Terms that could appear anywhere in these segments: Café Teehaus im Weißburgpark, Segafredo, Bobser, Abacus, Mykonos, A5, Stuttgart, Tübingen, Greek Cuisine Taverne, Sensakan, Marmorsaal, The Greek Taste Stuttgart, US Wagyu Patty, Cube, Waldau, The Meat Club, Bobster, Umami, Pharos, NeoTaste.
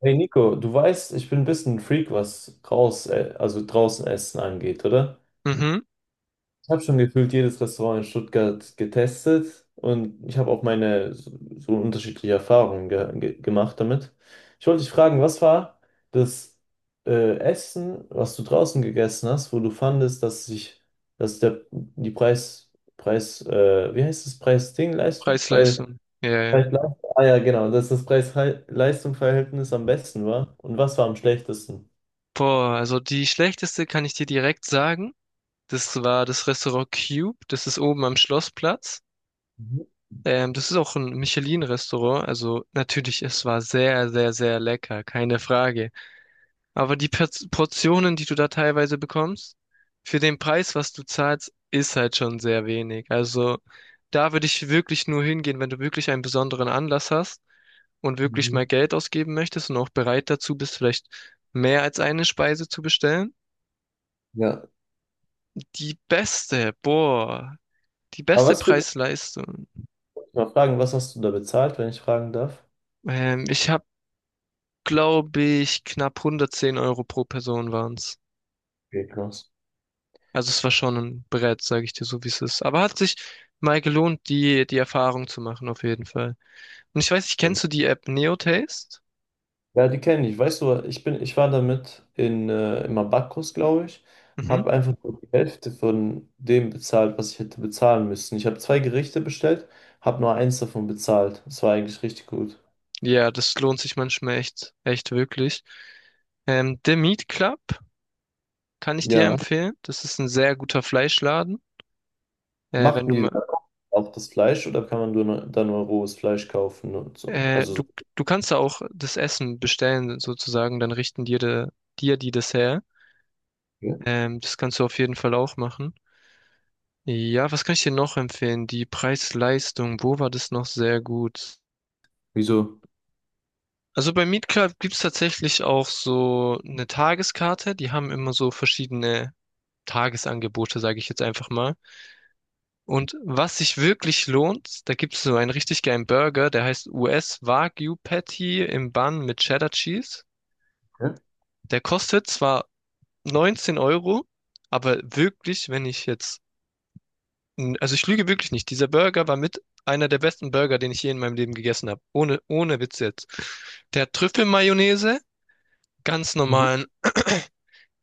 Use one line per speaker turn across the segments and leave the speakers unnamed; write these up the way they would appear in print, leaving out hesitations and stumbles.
Hey Nico, du weißt, ich bin ein bisschen ein Freak, was also draußen Essen angeht, oder?
Mhm.
Ich habe schon gefühlt jedes Restaurant in Stuttgart getestet und ich habe auch meine so unterschiedliche Erfahrungen ge ge gemacht damit. Ich wollte dich fragen, was war das Essen, was du draußen gegessen hast, wo du fandest, dass der die Preis, Preis, wie heißt das, Preis-Ding-Leistung? Preis,
Preis-Leistung. Ja, ja.
Preis-Leistung. Ah ja, genau, dass das Preis-Leistung-Verhältnis am besten war. Und was war am schlechtesten?
Boah, also die schlechteste kann ich dir direkt sagen. Das war das Restaurant Cube. Das ist oben am Schlossplatz.
Mhm.
Das ist auch ein Michelin-Restaurant. Also natürlich, es war sehr, sehr, sehr lecker. Keine Frage. Aber die Portionen, die du da teilweise bekommst, für den Preis, was du zahlst, ist halt schon sehr wenig. Also da würde ich wirklich nur hingehen, wenn du wirklich einen besonderen Anlass hast und wirklich
Mhm.
mal Geld ausgeben möchtest und auch bereit dazu bist, vielleicht mehr als eine Speise zu bestellen.
Ja.
Die beste, boah, die
Aber
beste
was würdest
Preis-Leistung.
du mal fragen, was hast du da bezahlt, wenn ich fragen darf?
Ich habe, glaube ich, knapp 110 Euro pro Person waren's.
Okay, krass.
Also es war schon ein Brett, sage ich dir so, wie es ist. Aber hat sich mal gelohnt, die Erfahrung zu machen, auf jeden Fall. Und ich weiß nicht, kennst du die App NeoTaste?
Ja, die kenne ich. Weißt du, ich war damit im Abacus, glaube ich,
Mhm.
habe einfach nur die Hälfte von dem bezahlt, was ich hätte bezahlen müssen. Ich habe zwei Gerichte bestellt, habe nur eins davon bezahlt. Das war eigentlich richtig gut.
Ja, das lohnt sich manchmal echt, echt wirklich. The Meat Club kann ich dir
Ja,
empfehlen. Das ist ein sehr guter Fleischladen. Wenn
machten
du
die
mal,
auch das Fleisch oder kann man nur rohes Fleisch kaufen und so?
äh,
Also so.
du, du kannst da auch das Essen bestellen, sozusagen, dann richten dir, dir die das her.
Ja.
Das kannst du auf jeden Fall auch machen. Ja, was kann ich dir noch empfehlen? Die Preis-Leistung, wo war das noch sehr gut?
Wieso?
Also bei Meet Club gibt's tatsächlich auch so eine Tageskarte. Die haben immer so verschiedene Tagesangebote, sage ich jetzt einfach mal. Und was sich wirklich lohnt, da gibt's so einen richtig geilen Burger, der heißt US Wagyu Patty im Bun mit Cheddar Cheese.
Ja.
Der kostet zwar 19 Euro, aber wirklich, wenn ich jetzt N- Also ich lüge wirklich nicht. Dieser Burger war mit einer der besten Burger, den ich je in meinem Leben gegessen habe. Ohne Witz jetzt. Der hat Trüffelmayonnaise, ganz
Mhm.
normalen,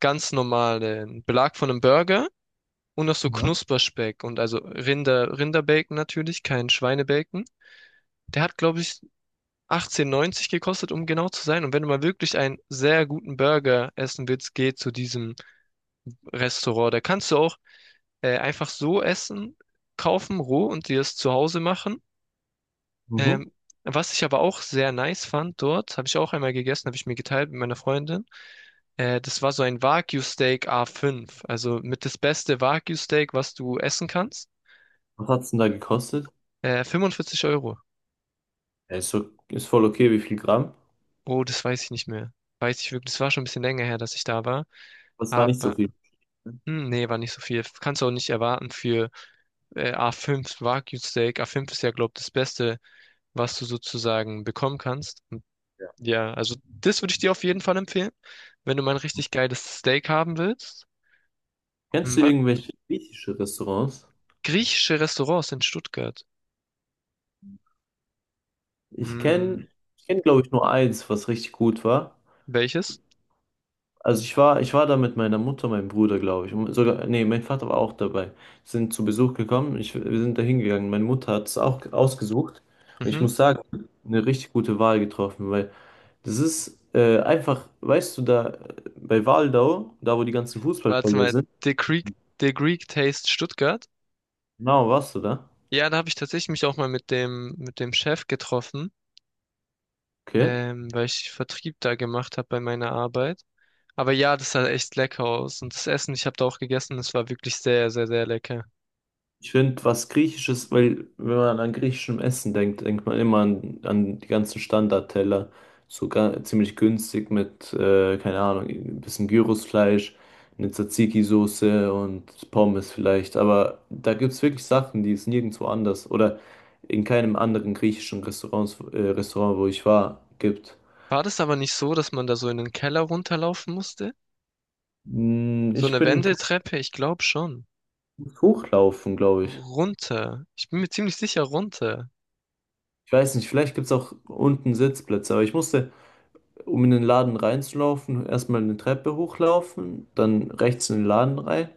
ganz normalen Belag von einem Burger und noch so
Ja.
Knusperspeck und also Rinderbacon natürlich, kein Schweinebacon. Der hat, glaube ich, 18,90 gekostet, um genau zu sein. Und wenn du mal wirklich einen sehr guten Burger essen willst, geh zu diesem Restaurant. Da kannst du auch einfach so essen, kaufen, roh und dir es zu Hause machen.
Mhm.
Ähm, was ich aber auch sehr nice fand dort, habe ich auch einmal gegessen, habe ich mir geteilt mit meiner Freundin. Das war so ein Wagyu-Steak A5, also mit das beste Wagyu-Steak, was du essen kannst.
Was hat es denn da gekostet?
45 Euro.
Ja, ist, so, ist voll okay, wie viel Gramm?
Oh, das weiß ich nicht mehr. Weiß ich wirklich, das war schon ein bisschen länger her, dass ich da war.
Das war nicht so
Aber,
viel.
hm, nee, war nicht so viel. Kannst du auch nicht erwarten für A5 Wagyu-Steak. A5 ist ja, glaube ich, das Beste, was du sozusagen bekommen kannst. Ja, also das würde ich dir auf jeden Fall empfehlen, wenn du mal ein richtig geiles Steak haben willst. Hm,
Kennst du
wa-
irgendwelche griechische Restaurants?
griechische Restaurants in Stuttgart.
Ich
Hm,
kenne, ich kenn, glaube ich, nur eins, was richtig gut war.
welches?
Also ich war da mit meiner Mutter, meinem Bruder, glaube ich. Und sogar, nee, mein Vater war auch dabei. Sind zu Besuch gekommen. Ich, wir sind da hingegangen. Meine Mutter hat es auch ausgesucht. Und ich
Mhm.
muss sagen, eine richtig gute Wahl getroffen, weil das ist einfach, weißt du, da bei Waldau, da wo die ganzen
Warte
Fußballfelder
mal,
sind,
The Greek Taste Stuttgart.
genau, warst du da?
Ja, da habe ich tatsächlich mich auch mal mit dem Chef getroffen,
Okay.
weil ich Vertrieb da gemacht habe bei meiner Arbeit. Aber ja, das sah echt lecker aus und das Essen, ich habe da auch gegessen, das war wirklich sehr, sehr, sehr lecker.
Ich finde, was Griechisches, weil wenn man an griechischem Essen denkt, denkt man immer an die ganzen Standardteller, sogar ziemlich günstig mit, keine Ahnung, ein bisschen Gyrosfleisch, eine Tzatziki-Soße und Pommes vielleicht. Aber da gibt es wirklich Sachen, die es nirgendwo anders oder in keinem anderen Restaurant, wo ich war, gibt.
War das aber nicht so, dass man da so in den Keller runterlaufen musste?
Hm,
So
ich
eine
bin kein
Wendeltreppe, ich glaube schon.
Hochlaufen, glaube ich.
Runter. Ich bin mir ziemlich sicher runter.
Ich weiß nicht, vielleicht gibt es auch unten Sitzplätze, um in den Laden reinzulaufen, erstmal eine Treppe hochlaufen, dann rechts in den Laden rein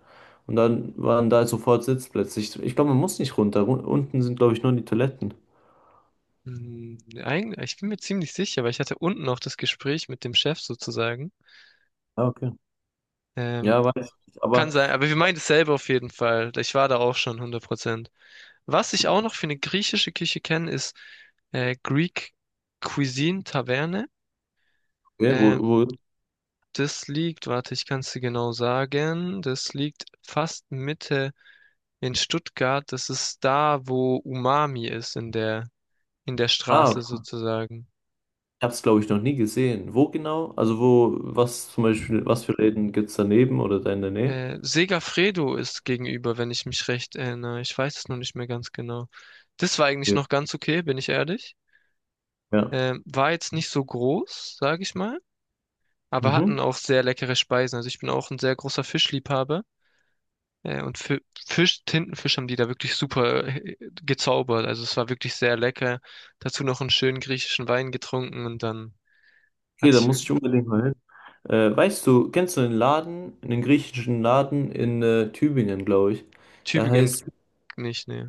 und dann waren da sofort Sitzplätze. Ich glaube, man muss nicht runter. Unten sind, glaube ich, nur die Toiletten.
Hm, eigentlich, ich bin mir ziemlich sicher, weil ich hatte unten auch das Gespräch mit dem Chef sozusagen.
Ah, okay.
Ähm,
Ja, weiß ich nicht.
kann
Aber
sein, aber wir meinen dasselbe auf jeden Fall. Ich war da auch schon 100%. Was ich auch noch für eine griechische Küche kenne, ist Greek Cuisine Taverne.
okay,
Äh, das liegt, warte, ich kann es dir genau sagen, das liegt fast Mitte in Stuttgart. Das ist da, wo Umami ist, in der
ah,
Straße
ich
sozusagen.
habe es, glaube ich, noch nie gesehen. Wo genau? Also wo, was zum Beispiel, was für Läden gibt es daneben oder da in der Nähe?
Segafredo ist gegenüber, wenn ich mich recht erinnere. Ich weiß es nur nicht mehr ganz genau. Das war eigentlich
Ja.
noch ganz okay, bin ich ehrlich.
Ja.
War jetzt nicht so groß, sage ich mal, aber
Mhm.
hatten auch sehr leckere Speisen. Also ich bin auch ein sehr großer Fischliebhaber. Äh, und Fi- Fisch, Tintenfisch haben die da wirklich super gezaubert. Also es war wirklich sehr lecker. Dazu noch einen schönen griechischen Wein getrunken und dann
Okay,
hatte
da
ich.
muss ich unbedingt mal hin. Weißt du, kennst du einen Laden, einen griechischen Laden in Tübingen, glaube ich. Der
Tübingen
heißt
nicht, nee.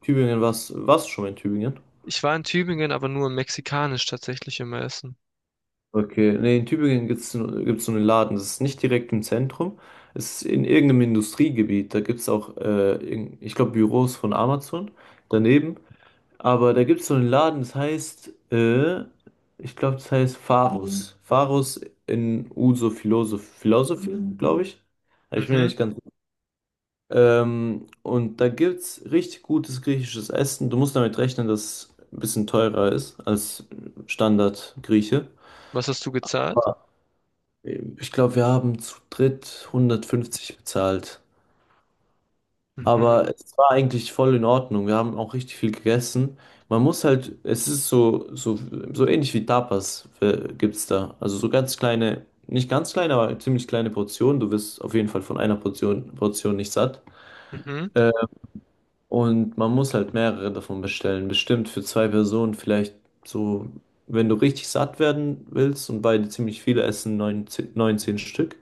Tübingen, was, warst du schon mal in Tübingen?
Ich war in Tübingen, aber nur in mexikanisch tatsächlich immer essen.
Okay, nee, in Tübingen gibt's so einen Laden, das ist nicht direkt im Zentrum, es ist in irgendeinem Industriegebiet, da gibt es auch, ich glaube, Büros von Amazon daneben, aber da gibt es so einen Laden, ich glaube, das heißt Pharos. Mhm. Pharos in Uso Philosophy, glaube ich. Also ich bin mir
Mhm.
nicht ganz. Und da gibt's richtig gutes griechisches Essen. Du musst damit rechnen, dass es ein bisschen teurer ist als Standard-Grieche.
Was hast du gezahlt?
Ah, ich glaube, wir haben zu dritt 150 bezahlt.
Mhm.
Aber es war eigentlich voll in Ordnung. Wir haben auch richtig viel gegessen. Man muss halt, es ist so ähnlich wie Tapas gibt's da. Also so ganz kleine, nicht ganz kleine, aber ziemlich kleine Portionen. Du wirst auf jeden Fall von Portion nicht satt.
Mhm.
Und man muss halt mehrere davon bestellen. Bestimmt für zwei Personen vielleicht so, wenn du richtig satt werden willst und beide ziemlich viele essen, 19 19 Stück.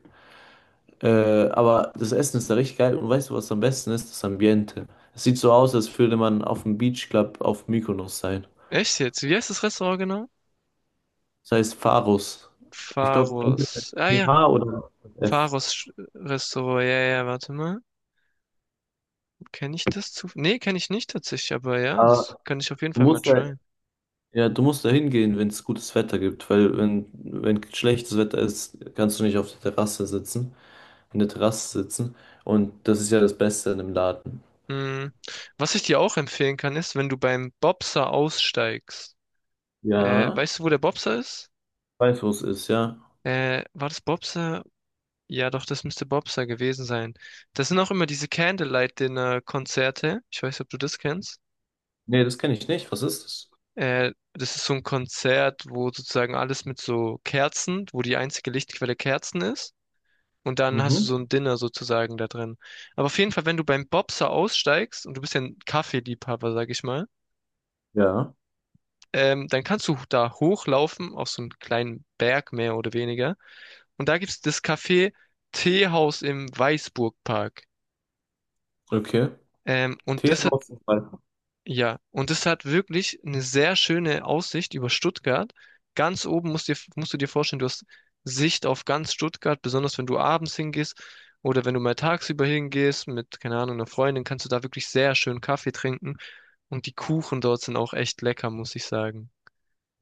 Äh, aber das Essen ist da richtig geil und weißt du, was am besten ist? Das Ambiente. Es sieht so aus, als würde man auf dem Beach Club auf Mykonos sein.
Echt jetzt? Wie heißt das Restaurant genau?
Das heißt Pharos. Ich glaube,
Pharos. Ah ja,
PH oder F.
Pharos Restaurant. Ja, ja, warte mal. Kenne ich das zu? Nee, kenne ich nicht tatsächlich, aber ja, das
Aber
kann ich auf jeden
du
Fall mal
musst da,
tryen.
ja, du musst da hingehen, wenn es gutes Wetter gibt, weil wenn, wenn schlechtes Wetter ist, kannst du nicht auf der Terrasse sitzen. In der Terrasse sitzen. Und das ist ja das Beste in dem Laden.
Mhm. Was ich dir auch empfehlen kann, ist, wenn du beim Bobser aussteigst. Weißt
Ja,
du, wo der Bobser ist?
weiß, wo es ist, ja.
War das Bobser? Ja, doch, das müsste Bobster gewesen sein. Das sind auch immer diese Candlelight-Dinner-Konzerte. Ich weiß nicht, ob du das kennst.
Nee, das kenne ich nicht. Was ist das?
Das ist so ein Konzert, wo sozusagen alles mit so Kerzen, wo die einzige Lichtquelle Kerzen ist. Und dann hast du
Mhm.
so ein Dinner sozusagen da drin. Aber auf jeden Fall, wenn du beim Bobser aussteigst, und du bist ja ein Kaffeeliebhaber, sag ich mal,
Ja,
dann kannst du da hochlaufen auf so einen kleinen Berg mehr oder weniger. Und da gibt's das Café Teehaus im Weißburgpark.
okay.
Und
Tee
das
im
hat.
Außenfall.
Ja, und es hat wirklich eine sehr schöne Aussicht über Stuttgart. Ganz oben musst du dir vorstellen, du hast Sicht auf ganz Stuttgart, besonders wenn du abends hingehst oder wenn du mal tagsüber hingehst mit, keine Ahnung, einer Freundin, kannst du da wirklich sehr schön Kaffee trinken. Und die Kuchen dort sind auch echt lecker, muss ich sagen.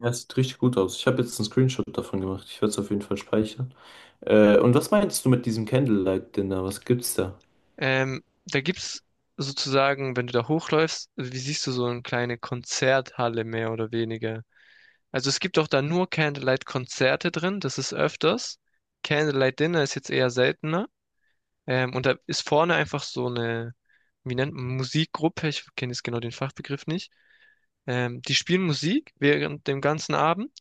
Ja, sieht richtig gut aus. Ich habe jetzt einen Screenshot davon gemacht. Ich werde es auf jeden Fall speichern. Und was meinst du mit diesem Candlelight Dinner? Was gibt's da?
Da gibt's sozusagen, wenn du da hochläufst, wie siehst du so eine kleine Konzerthalle mehr oder weniger. Also es gibt auch da nur Candlelight-Konzerte drin, das ist öfters. Candlelight-Dinner ist jetzt eher seltener. Und da ist vorne einfach so eine, wie nennt man, Musikgruppe, ich kenne jetzt genau den Fachbegriff nicht. Die spielen Musik während dem ganzen Abend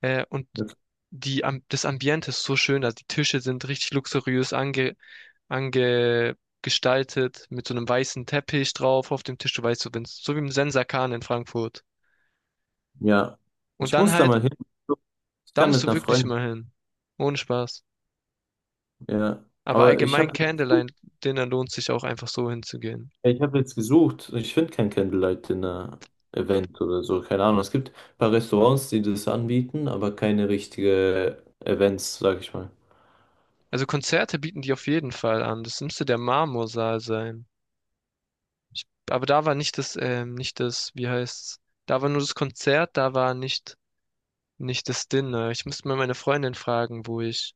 und
Okay.
das Ambiente ist so schön, also die Tische sind richtig luxuriös ange, ange gestaltet, mit so einem weißen Teppich drauf auf dem Tisch, du weißt, so, wenn's, so wie im Sensakan in Frankfurt.
Ja,
Und
ich
dann
muss da
halt,
mal hin. Ich
da
kann mit
musst du
einer
wirklich
Freundin.
mal hin. Ohne Spaß.
Ja,
Aber
aber ich
allgemein
habe.
Candlelight-Dinner lohnt sich auch einfach so hinzugehen.
Ja, ich habe jetzt gesucht, ich finde kein Candlelight Dinner Event oder so, keine Ahnung. Es gibt ein paar Restaurants, die das anbieten, aber keine richtige Events, sag ich mal.
Also Konzerte bieten die auf jeden Fall an. Das müsste der Marmorsaal sein. Aber da war nicht das, nicht das, wie heißt's? Da war nur das Konzert, da war nicht das Dinner. Ich müsste mal meine Freundin fragen,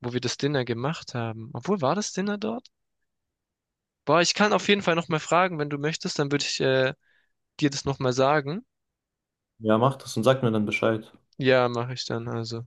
wo wir das Dinner gemacht haben. Obwohl, war das Dinner dort? Boah, ich kann auf jeden Fall nochmal fragen, wenn du möchtest, dann würde ich, dir das nochmal sagen.
Ja, mach das und sag mir dann Bescheid.
Ja, mache ich dann also.